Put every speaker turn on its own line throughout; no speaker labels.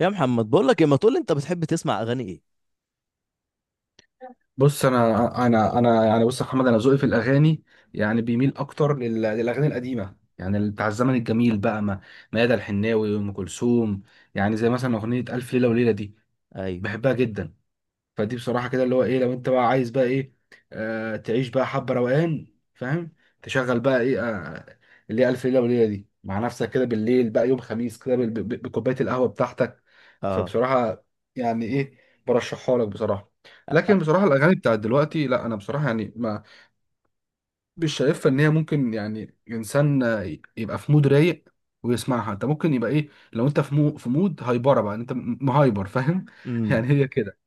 يا محمد، بقول لك إيه، ما تقول لي انت بتحب تسمع اغاني ايه؟
بص انا يعني، يا محمد، انا ذوقي في الاغاني، يعني بيميل اكتر للاغاني القديمه، يعني بتاع الزمن الجميل بقى، ما ميادة الحناوي وام كلثوم. يعني زي مثلا اغنيه الف ليله وليله دي،
ايوه.
بحبها جدا. فدي بصراحة كده اللي هو ايه، لو انت بقى عايز بقى ايه، تعيش بقى حبة روقان، فاهم، تشغل بقى ايه، اللي هي ألف ليلة وليلة دي، مع نفسك كده بالليل بقى يوم خميس كده بكوباية القهوة بتاعتك.
اه.
فبصراحة يعني ايه، برشحها لك بصراحة.
أ-
لكن بصراحة الأغاني بتاعت دلوقتي، لا أنا بصراحة يعني ما، مش شايفها إن هي ممكن، يعني إنسان يبقى في مود رايق ويسمعها. أنت ممكن يبقى إيه، لو أنت في مود هايبرة بقى، أنت مهايبر، فاهم.
امم
يعني هي كده.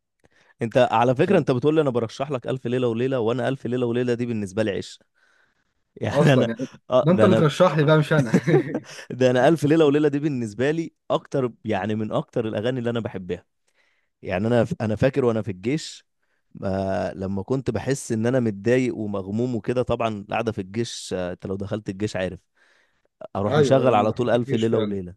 انت على فكره، انت بتقول لي انا برشح لك الف ليله وليله، وانا الف ليله وليله دي بالنسبه لي عشق. يعني
اصلا
انا
يعني
اه،
ده انت
ده
اللي
انا.
ترشح لي بقى مش انا.
ده انا الف ليله وليله دي بالنسبه لي اكتر، يعني من اكتر الاغاني اللي انا بحبها. يعني انا فاكر وانا في الجيش، لما كنت بحس ان انا متضايق ومغموم وكده، طبعا القعده في الجيش، انت لو دخلت الجيش عارف، اروح
ايوه ايوه،
مشغل
انا
على طول
دخلت
الف
الجيش
ليله
فعلا.
وليله.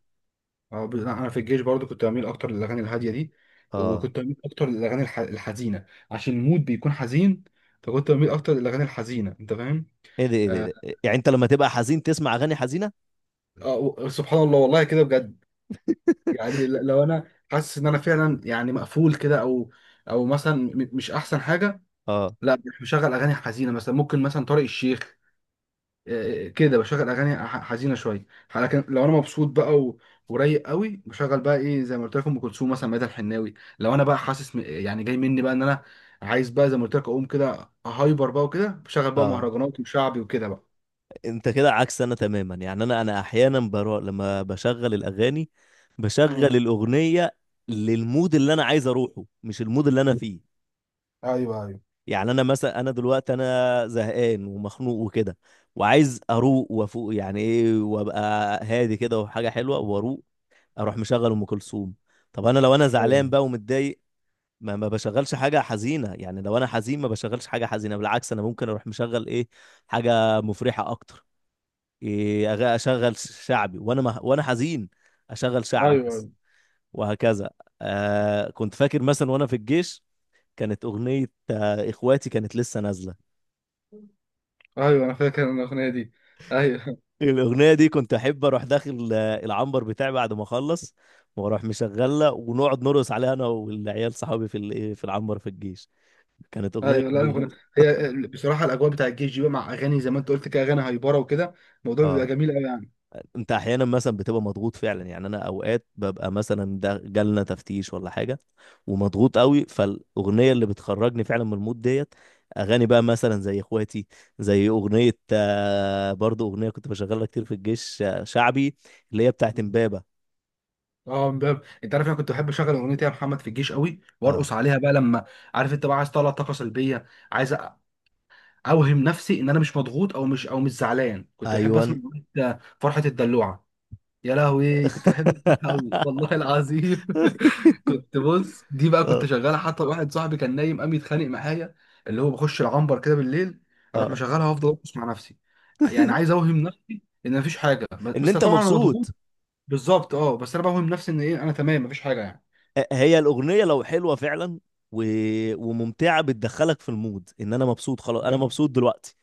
أه انا في الجيش برضو كنت بميل اكتر للاغاني الهاديه دي،
اه.
وكنت بميل اكتر للاغاني الحزينه عشان المود بيكون حزين، فكنت بميل اكتر للاغاني الحزينه، انت فاهم.
ايه ده ايه ده إيه
آه...
ده؟ يعني انت لما تبقى حزين تسمع اغاني حزينه؟
سبحان الله، والله كده بجد. يعني لو انا حاسس ان انا فعلا يعني مقفول كده، او او مثلا مش احسن حاجه،
اه.
لا مش مشغل اغاني حزينه، مثلا ممكن مثلا طارق الشيخ كده بشغل اغاني حزينه شويه. لكن لو انا مبسوط بقى، و، ورايق قوي بشغل بقى ايه زي ما قلت لكم، ام كلثوم مثلا، ميادة الحناوي. لو انا بقى حاسس يعني جاي مني بقى ان انا عايز بقى زي ما قلت لك اقوم كده هايبر بقى، وكده بشغل بقى
اه،
مهرجانات وشعبي وكده بقى.
انت كده عكس انا تماما. يعني انا احيانا برا لما بشغل الاغاني بشغل
مم.
الاغنيه للمود اللي انا عايز اروحه، مش المود اللي انا فيه.
ايوه ايوه
يعني انا مثلا، انا دلوقتي انا زهقان ومخنوق وكده، وعايز اروق وافوق، يعني ايه، وابقى هادي كده وحاجه حلوه واروق، اروح مشغل ام كلثوم. طب انا لو انا
ايوه
زعلان بقى ومتضايق، ما بشغلش حاجة حزينة. يعني لو أنا حزين ما بشغلش حاجة حزينة، بالعكس أنا ممكن أروح مشغل إيه، حاجة مفرحة أكتر. إيه، أشغل شعبي وأنا ما وأنا حزين، أشغل
ايوه
شعبي بس.
ايوه
وهكذا. آه، كنت فاكر مثلا وأنا في الجيش كانت أغنية إخواتي كانت لسه نازلة.
ايوه، انا فاكر أنا الاغنيه دي، ايوه
الأغنية دي كنت أحب أروح داخل العنبر بتاعي بعد ما أخلص، وأروح مشغلة ونقعد نرقص عليها أنا والعيال صحابي في إيه، في العنبر في الجيش. كانت أغنية
ايوه. لا
جميلة.
الأغنية- هي بصراحه الاجواء بتاع الجيش دي بقى مع اغاني زي ما انت قلت كده، اغاني هايبره وكده، الموضوع بيبقى
اه.
جميل قوي.
انت احيانا مثلا بتبقى مضغوط فعلا. يعني انا اوقات ببقى مثلا ده جالنا تفتيش ولا حاجه ومضغوط قوي، فالاغنيه اللي بتخرجني فعلا من المود ديت اغاني بقى مثلا زي اخواتي، زي اغنيه برضو اغنيه كنت بشغلها كتير في الجيش، شعبي، اللي هي بتاعت
يعني
امبابه.
اه امبابة، انت عارف انا كنت بحب اشغل اغنيه يا محمد في الجيش قوي
اه.
وارقص عليها بقى لما، عارف انت بقى عايز تطلع طاقه سلبيه، عايز اوهم نفسي ان انا مش مضغوط، او مش او مش زعلان. كنت بحب اسمع
ايوان.
أغنية فرحه الدلوعه. يا لهوي، كنت بحب اسمعها قوي والله العظيم. كنت بص دي بقى
اه.
كنت شغالها، حتى واحد صاحبي كان نايم قام يتخانق معايا، اللي هو بخش العنبر كده بالليل، اروح
اه.
مشغلها وافضل ارقص مع نفسي. يعني عايز اوهم نفسي ان مفيش حاجه،
ان
بس
انت
طبعا انا مضغوط.
مبسوط.
بالظبط اه، بس انا بوهم نفسي ان ايه، انا تمام مفيش حاجه يعني.
هي الاغنيه لو حلوه فعلا و... وممتعه، بتدخلك في المود ان انا مبسوط، خلاص انا
ده,
مبسوط دلوقتي.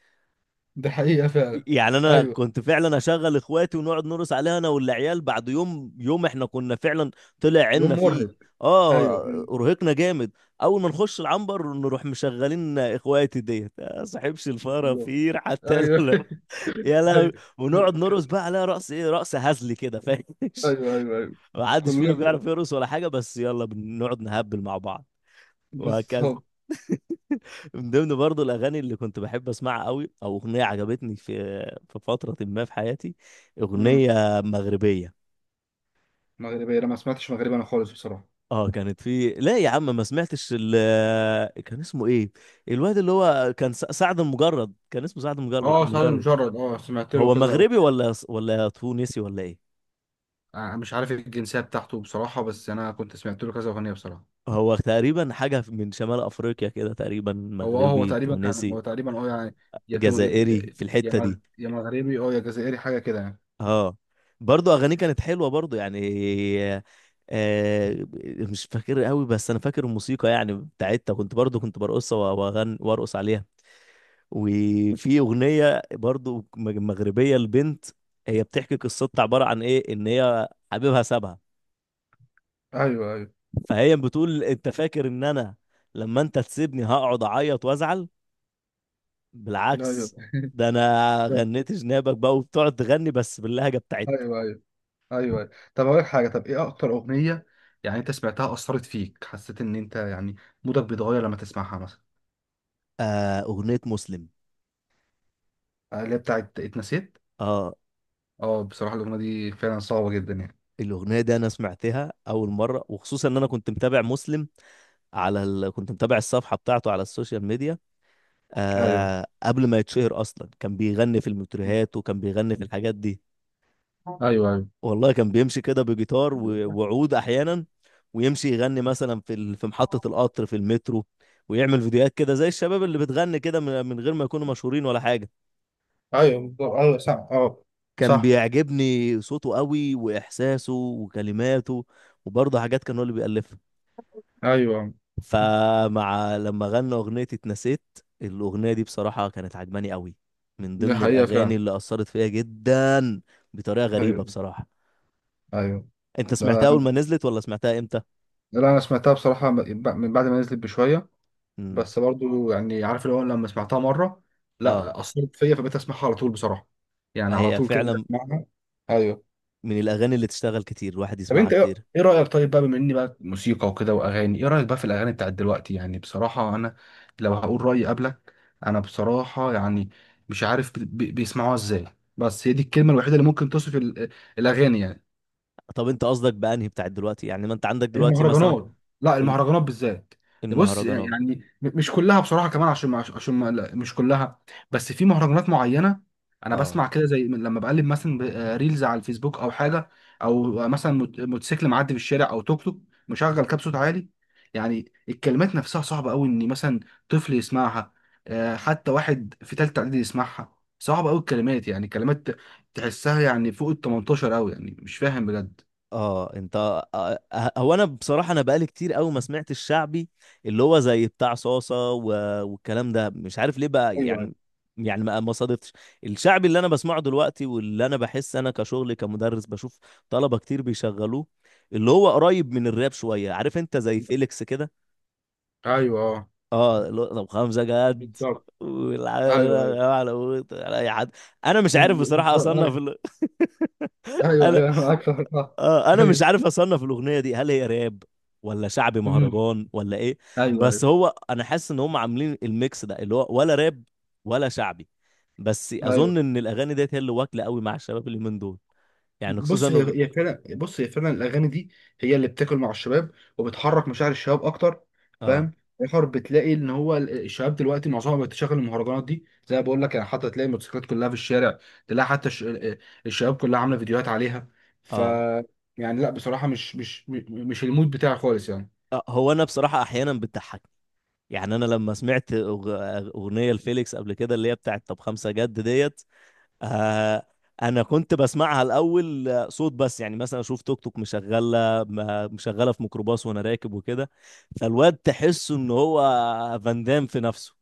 ده حقيقة فعلا.
يعني انا
ايوه،
كنت فعلا اشغل اخواتي ونقعد نرقص عليها انا والعيال بعد يوم احنا كنا فعلا طلع عنا
يوم
فيه.
مرهق،
اه.
ايوه ايوه،
ارهقنا جامد. اول ما نخش العنبر نروح مشغلين اخواتي ديت يا صاحبش
بالظبط،
الفرافير حتى.
ايوه
لا. يا لهوي.
ايوه.
ونقعد نرقص
كان-
بقى عليها رقص ايه، رقص هزلي كده، فاهم.
ايوه ايوه ايوه،
ما حدش فينا بيعرف
كلكم،
يرقص ولا حاجه، بس يلا، بنقعد نهبل مع بعض. وهكذا.
بالظبط.
من ضمن برضه الاغاني اللي كنت بحب اسمعها قوي او اغنيه عجبتني في في فتره ما في حياتي،
امم.
اغنيه مغربيه.
مغربية، انا ما سمعتش مغربي انا خالص بصراحة.
اه، كانت في، لا يا عم ما سمعتش كان اسمه ايه، الواد اللي هو كان سعد المجرد، كان اسمه سعد المجرد
اه سعد
مجرد.
المجرد، اه سمعت له
هو
كذا.
مغربي ولا تونسي ولا ايه؟
أنا مش عارف الجنسية بتاعته بصراحة، بس أنا كنت سمعت له كذا أغنية بصراحة.
هو تقريبا حاجه من شمال افريقيا كده، تقريبا
هو اه هو
مغربي،
تقريبا كان
تونسي،
هو تقريبا اه يعني، يا تو- يا
جزائري في
يا
الحته
مغ-
دي.
يا مغربي، اه يا جزائري، حاجة كده يعني.
اه. برضو اغانيه كانت حلوه برضو يعني. آه مش فاكر قوي، بس انا فاكر الموسيقى يعني بتاعتها، كنت برضو كنت برقصها واغن وارقص عليها. وفي اغنيه برضو مغربيه لبنت، هي بتحكي قصتها، عباره عن ايه، ان هي حبيبها سابها،
ايوه ايوه
فهي بتقول انت فاكر ان انا لما انت تسيبني هقعد اعيط وازعل،
ايوه
بالعكس، ده انا غنيت جنابك بقى، وبتقعد تغني بس باللهجه بتاعتها.
ايوه ايوه ايوه. طب اقول لك حاجه، طب ايه اكتر اغنيه يعني انت سمعتها، اثرت فيك، حسيت ان انت يعني مودك بيتغير لما تسمعها مثلا.
آه، اغنيه مسلم.
اللي هي بتاعت اتنسيت.
اه.
اه بصراحه الاغنيه دي فعلا صعبه جدا يعني.
الأغنية دي أنا سمعتها أول مرة، وخصوصا إن أنا كنت متابع مسلم على كنت متابع الصفحة بتاعته على السوشيال ميديا،
ايوه
قبل ما يتشهر أصلا كان بيغني في المترهات وكان بيغني في الحاجات دي.
ايوه ايوه
والله كان بيمشي كده بجيتار و... وعود أحيانا، ويمشي يغني مثلا في في محطة القطر في المترو، ويعمل فيديوهات كده زي الشباب اللي بتغني كده من... من غير ما يكونوا مشهورين ولا حاجة.
ايوه بالظبط. ايوه صح اه.
كان
صح،
بيعجبني صوته قوي، وإحساسه، وكلماته، وبرضه حاجات كان هو اللي بيألفها.
ايوه.
فمع لما غنى أغنية اتنسيت، الأغنية دي بصراحة كانت عجباني قوي، من
دي
ضمن
حقيقه
الأغاني
فعلا.
اللي أثرت فيا جدا بطريقة غريبة
ايوه
بصراحة.
ايوه.
أنت سمعتها
ده
أول ما نزلت، ولا سمعتها إمتى؟
لا انا سمعتها بصراحه من بعد ما نزلت بشويه،
امم.
بس برضو يعني عارف اللي هو لما سمعتها مره،
آه.
لا اثرت فيا فبقيت اسمعها على طول بصراحه، يعني على
هي
طول كده
فعلا
اسمعها. ايوه.
من الأغاني اللي تشتغل كتير، الواحد
طب
يسمعها
انت ايه،
كتير.
إيه رايك، طيب بقى بما اني بقى موسيقى وكده واغاني، ايه رايك بقى في الاغاني بتاعت دلوقتي، يعني بصراحه انا، لو هقول رايي قبلك، انا بصراحه يعني مش عارف بيسمعوها ازاي، بس هي دي الكلمه الوحيده اللي ممكن توصف الاغاني يعني،
طب أنت قصدك بأنهي بتاعت دلوقتي؟ يعني ما أنت عندك دلوقتي مثلا
المهرجانات، لا
الم-
المهرجانات بالذات. ده بص
المهرجانات.
يعني مش كلها بصراحه كمان، عشان لا، مش كلها، بس في مهرجانات معينه. انا
آه.
بسمع كده زي لما بقلب مثلا ريلز على الفيسبوك او حاجه، او مثلا موتوسيكل معدي في الشارع، او توك توك مشغل كاب صوت عالي. يعني الكلمات نفسها صعبه قوي ان مثلا طفل يسمعها، حتى واحد في تالتة اعدادي يسمعها، صعبه قوي الكلمات، يعني كلمات تحسها يعني فوق ال 18 قوي، يعني مش فاهم بجد.
اه. انت، هو انا بصراحه انا بقالي كتير قوي ما سمعت الشعبي، اللي هو زي بتاع صاصه و... والكلام ده، مش عارف ليه بقى
ايوه ايوه
يعني. يعني ما صادفتش. الشعبي اللي انا بسمعه دلوقتي واللي انا بحس انا كشغل كمدرس بشوف طلبه كتير بيشغلوه، اللي هو قريب من الراب شويه، عارف انت، زي فيليكس كده.
ايوه اه،
اه، اللي هو طب خمسه جد.
بالظبط،
والع-
ايوه ايوه.
على اي حد، انا مش عارف
بز-
بصراحه اصنف
ايوه ايوه
انا
ايوه، أنا معاك في الحوار.
انا مش
ايوه.
عارف اصنف الاغنيه دي هل هي راب ولا شعبي
أمم.
مهرجان ولا ايه.
ايوه
بس
ايوه
هو انا حاسس ان هم عاملين الميكس ده اللي هو ولا راب ولا شعبي. بس
ايوه.
اظن ان الاغاني ديت هي اللي واكله قوي مع الشباب اللي من دول، يعني خصوصا
بص هي هي فعلا بص هي فعلا الاغاني دي هي اللي بتاكل مع الشباب، وبتحرك مشاعر الشباب اكتر،
اه.
فاهم. اخر بتلاقي ان هو الشباب دلوقتي معظمهم بتشغل المهرجانات دي زي ما بقول لك يعني، حتى تلاقي الموتوسيكلات كلها في الشارع، تلاقي حتى الشباب كلها عامله فيديوهات عليها. ف
اه.
يعني لا بصراحه مش المود بتاعي خالص يعني.
هو انا بصراحه احيانا بتضحكني. يعني انا لما سمعت اغنيه لفيليكس قبل كده اللي هي بتاعت طب خمسه جد ديت، آه انا كنت بسمعها الاول، صوت بس، يعني مثلا اشوف توك توك مشغله في ميكروباص وانا راكب وكده، فالواد تحسه ان هو فان دام في نفسه،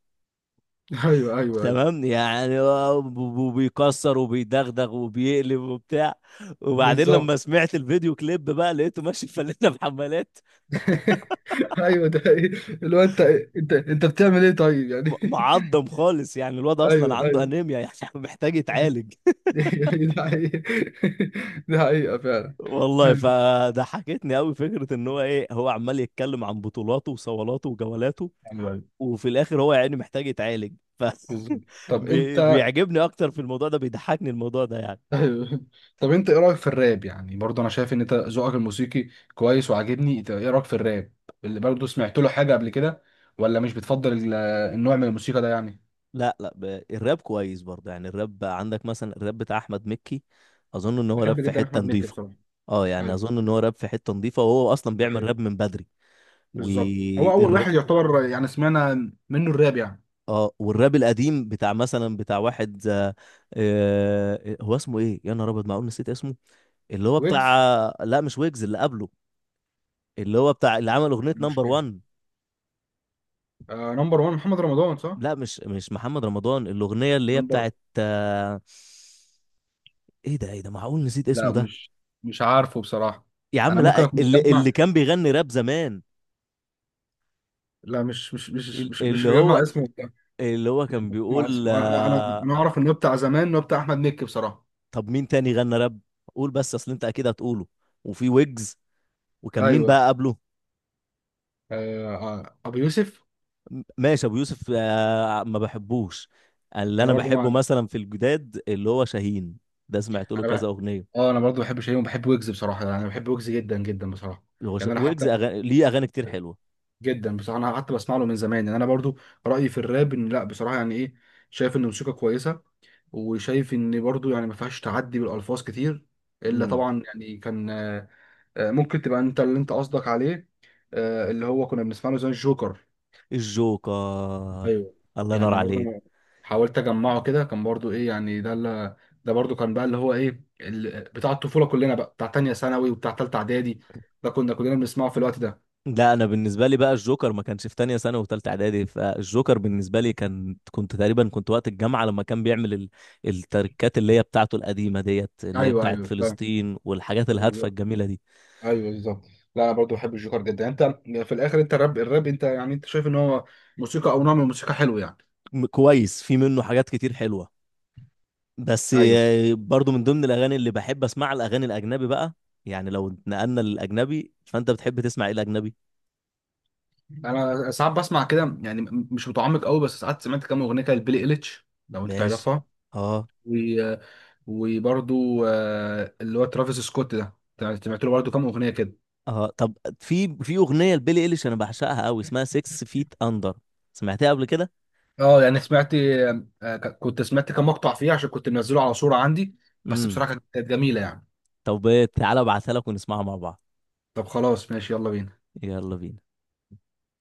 ايوه ايوه ايوه،
تمام، يعني هو بيكسر وبيدغدغ وبيقلب وبتاع، وبعدين
بالظبط.
لما سمعت الفيديو كليب بقى، لقيته ماشي فلنا بحمالات.
ايوه، ده حقيقي. اللي هو انت بتعمل ايه طيب يعني.
معضم خالص يعني، الواد
ايوه
اصلا عنده
ايوه
انيميا يعني، محتاج يتعالج.
ده حقيقة. ده حقيقة فعلا.
والله
ايوه
فضحكتني قوي فكره ان هو ايه، هو عمال يتكلم عن بطولاته وصولاته وجولاته،
ايوه،
وفي الاخر هو يعني محتاج يتعالج. ف
بالظبط. طب انت
بيعجبني اكتر في الموضوع ده، بيضحكني الموضوع ده يعني.
ايوه، طب انت ايه رايك في الراب، يعني برضه انا شايف ان انت ذوقك الموسيقي كويس وعاجبني، انت ايه رايك في الراب اللي برضه سمعت له حاجه قبل كده، ولا مش بتفضل النوع من الموسيقى ده يعني.
لا لا ب... الراب كويس برضه. يعني الراب عندك مثلا الراب بتاع احمد مكي، اظن ان هو راب
بحب
في
جدا
حته
احمد مكي
نظيفه.
بصراحه.
اه، يعني
ايوه،
اظن ان هو راب في حته نظيفه، وهو اصلا
ده
بيعمل
حقيقة.
راب من بدري.
بالظبط، هو اول
والر...
واحد يعتبر يعني سمعنا منه الراب يعني.
اه، والراب القديم بتاع مثلا بتاع واحد هو اسمه ايه، يا نهار ابيض معقول نسيت اسمه، اللي هو بتاع،
ويجز،
لا مش ويجز، اللي قبله، اللي هو بتاع اللي عمل اغنيه
مش
نمبر
عارف.
1.
آه نمبر 1 محمد رمضان صح؟
لا مش مش محمد رمضان، الاغنيه اللي هي
نمبر
بتاعت ايه ده ايه ده معقول نسيت
لا،
اسمه ده.
مش مش عارفه بصراحة.
يا عم
أنا ممكن
لا،
أكون
اللي
مجمع.
اللي كان بيغني راب زمان،
لا مش
اللي هو،
مجمع اسمه،
اللي هو كان بيقول
أنا أعرف إنه بتاع زمان إنه بتاع أحمد مكي بصراحة.
طب مين تاني غنى راب؟ قول بس اصل انت اكيد هتقوله. وفي ويجز، وكان مين
أيوه،
بقى قبله؟
آه أبو يوسف.
ماشي ابو يوسف، ما بحبوش. اللي
أنا
انا
برضو
بحبه
مع.
مثلا في الجداد اللي هو شاهين، ده سمعت له
أنا
كذا
بح.
اغنيه.
أنا برضو بحب شيء، وبحب ويجز بصراحة يعني، أنا بحب ويجز جدا جدا بصراحة. يعني أنا حتى
ويجز أغاني، ليه اغاني كتير حلوه.
جدا بصراحة، أنا حتى بسمع له من زمان يعني، أنا برضو رأيي في الراب إن لا بصراحة يعني إيه، شايف إن موسيقى كويسة وشايف ان برضو يعني ما فيهاش تعدي بالالفاظ كتير، الا
امم.
طبعا يعني كان ممكن تبقى انت اللي انت قصدك عليه، اللي هو كنا بنسمع له زي الجوكر.
الجوكر.
ايوه.
الله ينور
يعني برضو
عليك.
أنا حاولت اجمعه كده، كان برضو ايه يعني ده اللي، ده برضو كان بقى اللي هو ايه بتاع الطفوله كلنا بقى، بتاع تانية ثانوي وبتاع تالتة اعدادي، ده كنا كلنا بنسمعه في الوقت ده.
لا انا بالنسبه لي بقى الجوكر ما كانش في تانية ثانوي وثالثه اعدادي، فالجوكر بالنسبه لي كان، كنت تقريبا كنت وقت الجامعه لما كان بيعمل التركات اللي هي بتاعته القديمه ديت، اللي هي
ايوه
بتاعت
ايوه، فاهم،
فلسطين والحاجات الهادفه
بالظبط،
الجميله دي.
ايوه بالظبط. لا انا برضو بحب الجوكر جدا. انت في الاخر انت الراب انت يعني انت شايف ان هو موسيقى او نوع من الموسيقى حلو يعني.
كويس، في منه حاجات كتير حلوه. بس
ايوه،
برضو من ضمن الاغاني اللي بحب اسمعها الاغاني الاجنبي بقى. يعني لو نقلنا للاجنبي، فانت بتحب تسمع ايه الاجنبي؟
انا ساعات بسمع كده يعني مش متعمق قوي، بس ساعات سمعت كام اغنيه كده لبيلي إيليتش لو انت
ماشي.
تعرفها.
اه.
و، وبرضو اللي هو ترافيس سكوت ده سمعت له برضو كام اغنيه كده.
اه، طب في في اغنيه لبيلي ايليش انا بعشقها قوي اسمها 6 فيت اندر، سمعتها قبل كده؟
اه يعني سمعت كنت سمعت كام مقطع فيه عشان كنت منزله على صوره عندي، بس
امم.
بصراحه كانت جميله يعني.
طب تعالى ابعتها لك ونسمعها مع بعض.
طب خلاص ماشي، يلا بينا.
يلا بينا.